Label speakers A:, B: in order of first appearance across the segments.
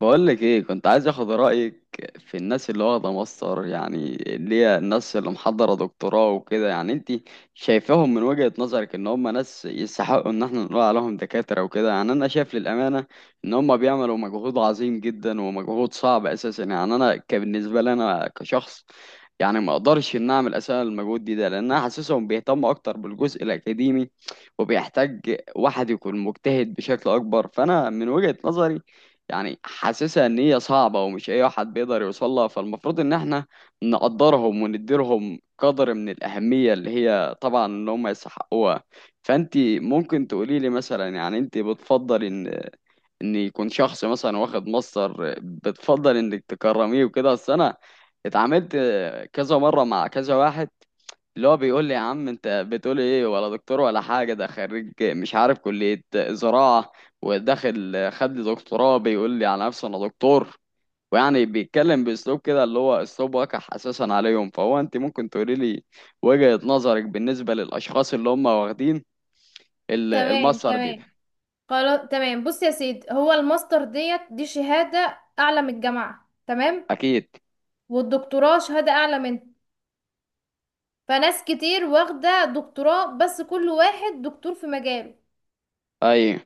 A: بقول لك ايه، كنت عايز اخد رايك في الناس اللي واخده ماستر، يعني اللي هي الناس اللي محضره دكتوراه وكده. يعني انت شايفاهم من وجهه نظرك ان هم ناس يستحقوا ان احنا نقول عليهم دكاتره وكده؟ يعني انا شايف للامانه ان هم بيعملوا مجهود عظيم جدا ومجهود صعب اساسا. يعني انا كبالنسبه لي انا كشخص يعني ما اقدرش ان اعمل اساسا المجهود ده، لان انا حاسسهم بيهتموا اكتر بالجزء الاكاديمي، وبيحتاج واحد يكون مجتهد بشكل اكبر. فانا من وجهه نظري يعني حاسسها ان هي صعبة، ومش اي واحد بيقدر يوصلها. فالمفروض ان احنا نقدرهم ونديلهم قدر من الاهمية اللي هي طبعا ان هم يستحقوها. فانت ممكن تقولي لي مثلا، يعني انت بتفضل ان يكون شخص مثلا واخد ماستر، بتفضل انك تكرميه وكده؟ اصل انا اتعاملت كذا مرة مع كذا واحد اللي هو بيقول لي يا عم انت بتقول ايه؟ ولا دكتور ولا حاجه، ده خريج مش عارف كليه زراعه وداخل خد لي دكتوراه، بيقول لي على نفسه انا دكتور. ويعني بيتكلم باسلوب كده اللي هو اسلوب وقح اساسا عليهم. فهو انت ممكن تقولي لي وجهه نظرك بالنسبه للاشخاص اللي هم واخدين
B: تمام
A: المسار ده؟
B: تمام. خلاص تمام. بص يا سيدي، هو الماستر ديت دي شهادة أعلى من الجامعة، تمام،
A: اكيد.
B: والدكتوراه شهادة أعلى منها. فناس كتير واخدة دكتوراه، بس كل واحد دكتور في مجاله.
A: ايوه،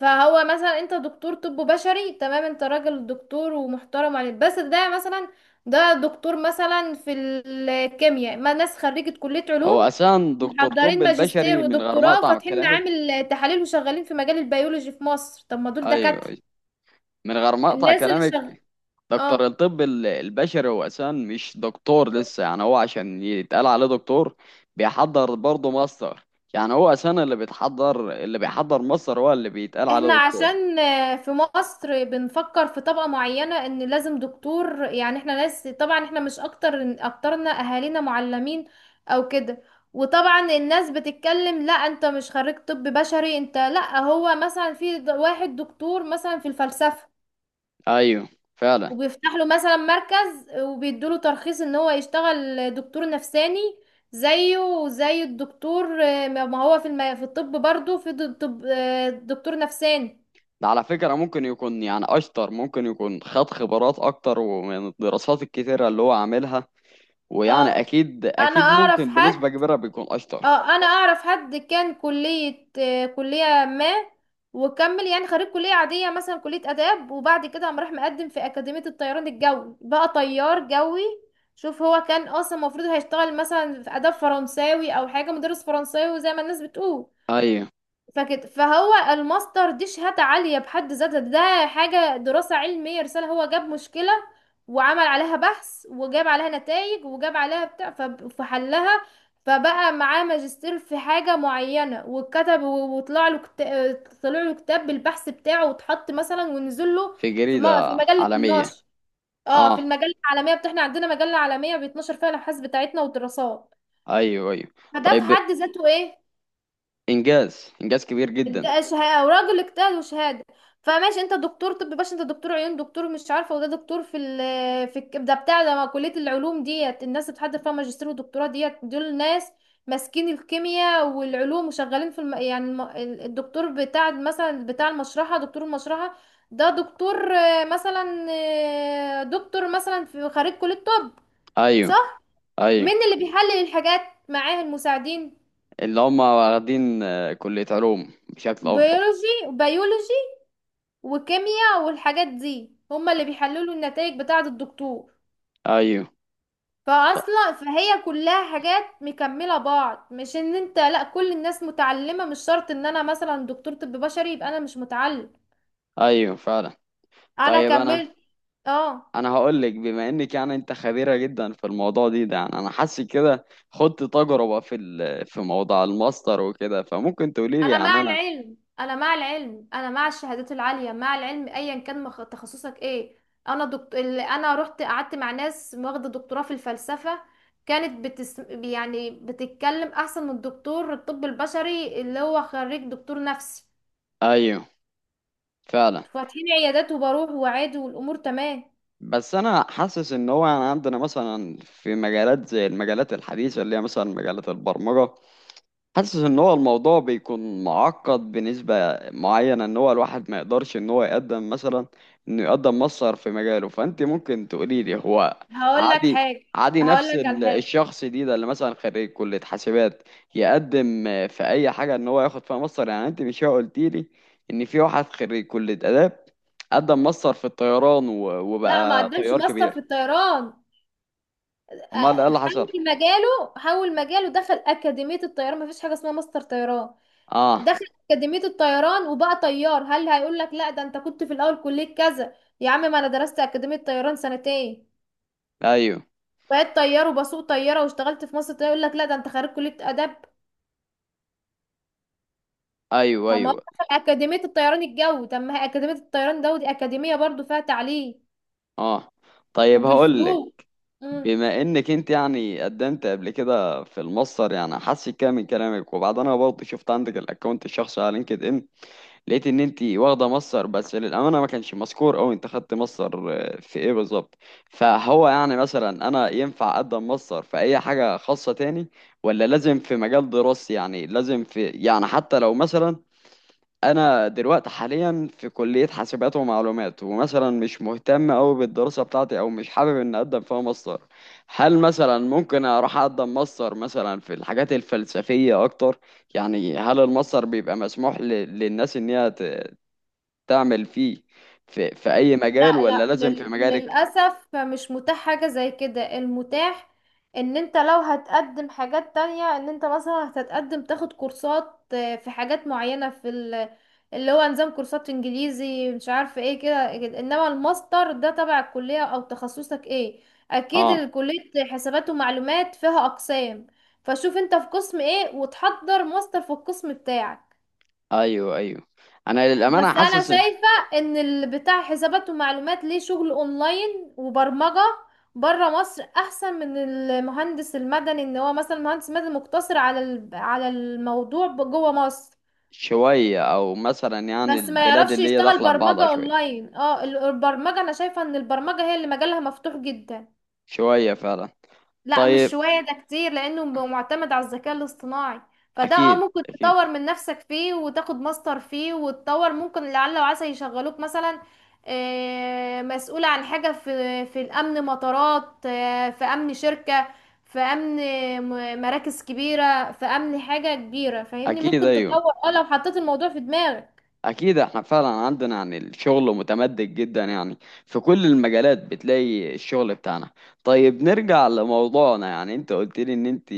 B: فهو مثلا انت دكتور طب بشري، تمام، انت راجل دكتور ومحترم عليك، بس ده مثلا ده دكتور مثلا في الكيمياء. ما ناس خريجة كلية
A: هو
B: علوم
A: اساسا دكتور طب
B: محضرين ماجستير
A: البشري، من غير ما
B: ودكتوراه
A: اقطع
B: وفاتحين
A: كلامك.
B: معامل تحاليل وشغالين في مجال البيولوجي في مصر. طب ما دول
A: ايوه،
B: دكاترة،
A: من غير ما اقطع
B: الناس اللي شغال.
A: كلامك، دكتور
B: اه،
A: الطب البشري هو اساسا مش دكتور لسه، يعني هو عشان يتقال عليه دكتور بيحضر برضه ماستر. يعني هو اساسا اللي بيحضر ماستر هو اللي بيتقال
B: احنا
A: عليه دكتور.
B: عشان في مصر بنفكر في طبقة معينة ان لازم دكتور. يعني احنا ناس، طبعا احنا مش اكتر، اكترنا اهالينا معلمين او كده. وطبعا الناس بتتكلم: لا انت مش خريج طب بشري، انت لا. هو مثلا واحد دكتور مثلا في الفلسفة
A: ايوه، فعلا.
B: وبيفتح له مثلا مركز وبيدوا له ترخيص ان هو يشتغل دكتور نفساني زيه وزي الدكتور ما هو في الطب برضه طب دكتور نفساني.
A: ده على فكرة ممكن يكون يعني اشطر، ممكن يكون خد خبرات اكتر ومن الدراسات الكتيرة اللي هو عاملها، ويعني
B: اه
A: اكيد
B: انا
A: اكيد
B: اعرف
A: ممكن
B: حد
A: بنسبة كبيرة بيكون اشطر.
B: اه انا اعرف حد كان كلية كلية ما، وكمل، يعني خريج كلية عادية مثلا كلية آداب، وبعد كده قام راح مقدم في أكاديمية الطيران الجوي، بقى طيار جوي. شوف، هو كان اصلا المفروض هيشتغل مثلا في آداب فرنساوي او حاجة، مدرس فرنساوي زي ما الناس بتقول.
A: ايوه.
B: فكده، فهو الماستر دي شهادة عالية بحد ذاتها، ده حاجة دراسة علمية، رسالة، هو جاب مشكلة وعمل عليها بحث وجاب عليها نتائج وجاب عليها بتاع فحلها. فبقى معاه ماجستير في حاجة معينة وكتب وطلع له كتاب، طلع له كتاب بالبحث بتاعه واتحط مثلا ونزل له
A: في
B: في
A: جريدة
B: مجلة
A: عالمية.
B: النشر. اه، في
A: اه،
B: المجلة العالمية بتاعنا، عندنا مجلة عالمية بيتنشر فيها الأبحاث بتاعتنا والدراسات.
A: ايوه ايوه.
B: فده في
A: طيب،
B: حد ذاته ايه،
A: انجاز، انجاز كبير جدا.
B: ده شهاده وراجل اجتهد وشهاده. فماشي، انت دكتور طب، باش، انت دكتور عيون، دكتور مش عارفه، وده دكتور في ده بتاع، ده كليه العلوم ديت، الناس اللي بتحضر فيها ماجستير ودكتوراه ديت دول ناس ماسكين الكيمياء والعلوم وشغالين في الم... يعني الم... ال- الدكتور بتاع مثلا بتاع المشرحه، دكتور المشرحه، ده دكتور مثلا دكتور مثلا في خريج كليه طب،
A: ايوه
B: صح؟
A: ايوه،
B: مين اللي بيحلل الحاجات؟ معاه المساعدين
A: اللي هم واخدين كلية علوم بشكل افضل.
B: بيولوجي وكيمياء والحاجات دي، هما اللي بيحللوا النتائج بتاعة الدكتور.
A: ايوه.
B: فاصلا فهي كلها حاجات مكملة بعض، مش ان انت لا، كل الناس متعلمة، مش شرط ان انا مثلا دكتور طب بشري يبقى انا مش متعلم،
A: ايوه فعلا.
B: انا
A: طيب
B: كملت. اه،
A: انا هقول لك، بما انك يعني انت خبيرة جدا في الموضوع ده، يعني انا حاسس كده خدت تجربة في في موضوع الماستر وكده، فممكن تقولي لي يعني انا.
B: انا مع العلم، انا مع الشهادات العاليه، مع العلم ايا كان تخصصك ايه. انا رحت قعدت مع ناس واخده دكتوراه في الفلسفه، يعني بتتكلم احسن من الدكتور الطب البشري اللي هو خريج دكتور نفسي،
A: ايوه فعلا.
B: فاتحين عيادات وبروح وعادي والامور تمام.
A: بس انا حاسس ان هو يعني عندنا مثلا في مجالات زي المجالات الحديثة اللي هي مثلا مجالات البرمجة، حاسس ان هو الموضوع بيكون معقد بنسبة معينة، ان هو الواحد ما يقدرش ان هو يقدم مثلا انه يقدم مصدر في مجاله. فانت ممكن تقولي لي هو
B: هقول لك
A: عادي؟
B: حاجه،
A: عادي
B: هقول
A: نفس
B: لك على حاجه:
A: الشخص ده اللي مثلا خريج كلية حاسبات يقدم في اي حاجة ان هو ياخد فيها مصدر؟ يعني انت مش قلتي لي ان في واحد خريج كلية آداب قدم مصدر في الطيران
B: لا ما
A: وبقى
B: قدمش
A: طيار
B: ماستر في
A: كبير؟
B: الطيران.
A: امال ايه اللي حصل؟
B: حول مجاله، حول مجاله، دخل اكاديميه الطيران، ما فيش حاجه اسمها ماستر طيران.
A: اه.
B: دخل أكاديمية الطيران وبقى طيار. هل هيقول لك لا ده انت كنت في الأول كلية كذا؟ يا عم، ما انا درست أكاديمية طيران 2 سنين،
A: ايوه
B: بقيت طيار وبسوق طيارة واشتغلت في مصر. يقول لك لا ده انت خريج كلية آداب؟
A: ايوه.
B: طب ما هو
A: ايوه.
B: دخل أكاديمية الطيران الجوي، طب ما هي أكاديمية الطيران ده ودي أكاديمية برضو فيها تعليم
A: اه، طيب هقول لك،
B: وبالفلوس.
A: بما انك انت يعني قدمت قبل كده في المصدر، يعني حاسس كده من كلامك، وبعدين انا برضه شفت عندك الاكونت الشخصي على لينكد ان، لقيت ان انت واخده مصدر. بس للامانه ما كانش مذكور او انت خدت مصدر في ايه بالظبط. فهو يعني مثلا انا ينفع اقدم مصدر في اي حاجه خاصه تاني، ولا لازم في مجال دراستي؟ يعني لازم في، يعني حتى لو مثلا انا دلوقتي حاليا في كلية حاسبات ومعلومات، ومثلا مش مهتم أوي بالدراسة بتاعتي، او مش حابب ان اقدم فيها ماستر، هل مثلا ممكن اروح اقدم ماستر مثلا في الحاجات الفلسفية اكتر؟ يعني هل الماستر بيبقى مسموح للناس ان هي تعمل فيه في اي مجال؟
B: لا،
A: ولا
B: لا،
A: لازم في مجالك؟
B: للأسف مش متاح حاجة زي كده. المتاح ان انت لو هتقدم حاجات تانية، ان انت مثلا هتتقدم تاخد كورسات في حاجات معينة اللي هو نظام كورسات انجليزي مش عارفة ايه، كده كده. انما الماستر ده تبع الكلية او تخصصك ايه. اكيد
A: اه.
B: الكلية حسابات ومعلومات فيها اقسام، فشوف انت في قسم ايه وتحضر ماستر في القسم بتاعك.
A: ايوه ايوه. انا للأمانة
B: بس انا
A: حاسس
B: شايفة ان اللي بتاع حسابات ومعلومات ليه شغل اونلاين وبرمجة بره مصر، احسن من المهندس المدني، ان هو مثلا مهندس مدني مقتصر على على الموضوع جوه مصر،
A: شوية، او مثلا يعني
B: بس ما
A: البلاد
B: يعرفش
A: اللي هي
B: يشتغل
A: داخلة في
B: برمجة
A: بعضها شوية
B: اونلاين. اه، البرمجة، انا شايفة ان البرمجة هي اللي مجالها مفتوح جدا.
A: شوية فعلا.
B: لا مش
A: طيب.
B: شوية ده كتير، لأنه معتمد على الذكاء الاصطناعي. فده اه
A: اكيد
B: ممكن
A: اكيد
B: تطور من نفسك فيه وتاخد ماستر فيه وتطور، ممكن لعل وعسى يشغلوك مثلا مسؤول عن حاجة في في الأمن مطارات، في أمن شركة، في أمن مراكز كبيرة، في أمن حاجة كبيرة، فاهمني؟
A: اكيد.
B: ممكن
A: ايوه
B: تطور اه لو حطيت الموضوع في دماغك.
A: اكيد، احنا فعلا عندنا يعني الشغل متمدد جدا، يعني في كل المجالات بتلاقي الشغل بتاعنا. طيب نرجع لموضوعنا، يعني انت قلت لي ان انت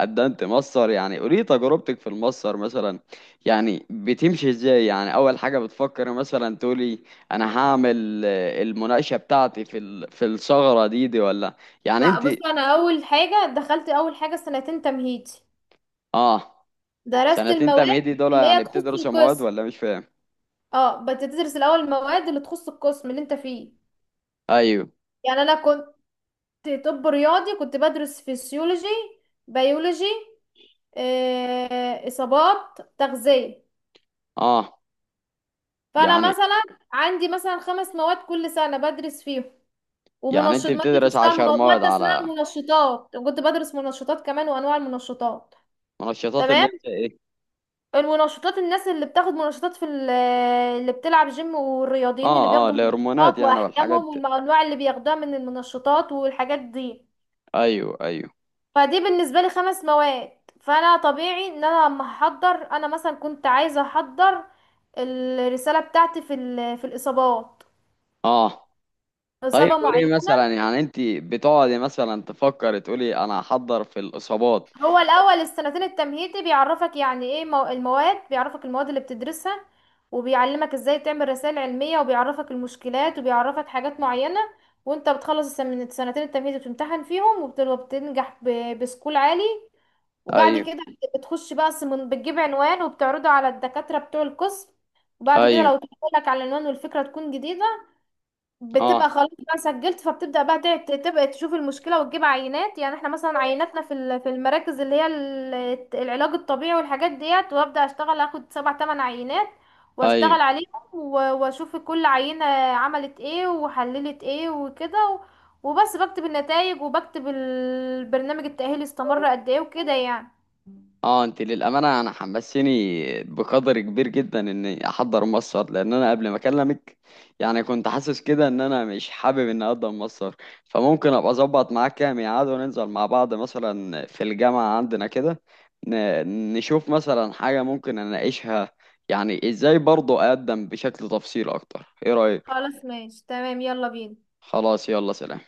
A: قدمت ماستر، يعني قولي تجربتك في الماستر مثلا، يعني بتمشي ازاي؟ يعني اول حاجة بتفكر مثلا تقولي انا هعمل المناقشة بتاعتي في في الثغرة دي ولا، يعني
B: لا
A: انت.
B: بص، أنا أول حاجة دخلت، أول حاجة 2 سنين تمهيدي
A: اه.
B: درست
A: سنتين
B: المواد
A: تمهيدي دول
B: اللي هي
A: يعني
B: تخص
A: بتدرسوا مواد،
B: القسم.
A: ولا مش فاهم؟
B: اه بتدرس الاول المواد اللي تخص القسم اللي انت فيه.
A: ايوه.
B: يعني انا كنت طب رياضي، كنت بدرس فسيولوجي، بيولوجي، اصابات، تغذية.
A: اه.
B: فانا
A: يعني
B: مثلا عندي مثلا 5 مواد كل سنة بدرس فيهم،
A: يعني
B: ومنشط
A: انت
B: مادة
A: بتدرس
B: اسمها المن-
A: عشر مواد
B: مادة اسمها
A: على
B: المنشطات، كنت بدرس منشطات كمان وانواع المنشطات.
A: منشطات؟ اللي
B: تمام،
A: هي ايه؟
B: المنشطات الناس اللي بتاخد منشطات اللي بتلعب جيم والرياضيين
A: اه
B: اللي
A: اه،
B: بياخدوا
A: الهرمونات
B: منشطات
A: يعني والحاجات
B: واحكامهم
A: دي.
B: والانواع اللي بياخدوها من المنشطات والحاجات دي.
A: ايوه ايوه.
B: فدي بالنسبه لي 5 مواد. فانا طبيعي ان انا لما احضر، انا مثلا كنت عايزه احضر الرساله بتاعتي في الاصابات،
A: اه، طيب
B: اصابه معينه.
A: وليه مثلا يعني انت بتقعدي مثلا تفكر تقولي انا هحضر في الاصابات؟
B: هو الاول ال2 سنين التمهيدي بيعرفك يعني ايه المواد، بيعرفك المواد اللي بتدرسها، وبيعلمك ازاي تعمل رسائل علميه، وبيعرفك المشكلات، وبيعرفك حاجات معينه. وانت بتخلص من ال2 سنين التمهيدي، بتمتحن فيهم وبتنجح بسكول عالي. وبعد
A: ايوه
B: كده بتخش بقى، بتجيب عنوان وبتعرضه على الدكاتره بتوع القسم. وبعد كده
A: ايوه.
B: لو تقول لك على العنوان والفكره تكون جديده، بتبقى
A: اه.
B: خلاص بقى سجلت، فبتبدأ بقى تبقى تشوف المشكلة وتجيب عينات. يعني احنا مثلا عيناتنا في المراكز اللي هي العلاج الطبيعي والحاجات ديت، وابدأ اشتغل، اخد 7 8 عينات
A: ايوه.
B: واشتغل عليهم، واشوف كل عينة عملت ايه وحللت ايه وكده وبس بكتب النتائج وبكتب البرنامج التأهيلي استمر قد ايه وكده يعني.
A: اه، انت للامانه انا حمسيني بقدر كبير جدا اني احضر مصر، لان انا قبل ما اكلمك يعني كنت حاسس كده ان انا مش حابب اني اقدم مصر. فممكن ابقى اظبط معاك كام ميعاد وننزل مع بعض مثلا في الجامعه عندنا كده، نشوف مثلا حاجه ممكن اناقشها؟ يعني ازاي برضه اقدم بشكل تفصيل اكتر؟ ايه رايك؟
B: خلاص ماشي تمام، يلا بينا.
A: خلاص، يلا، سلام.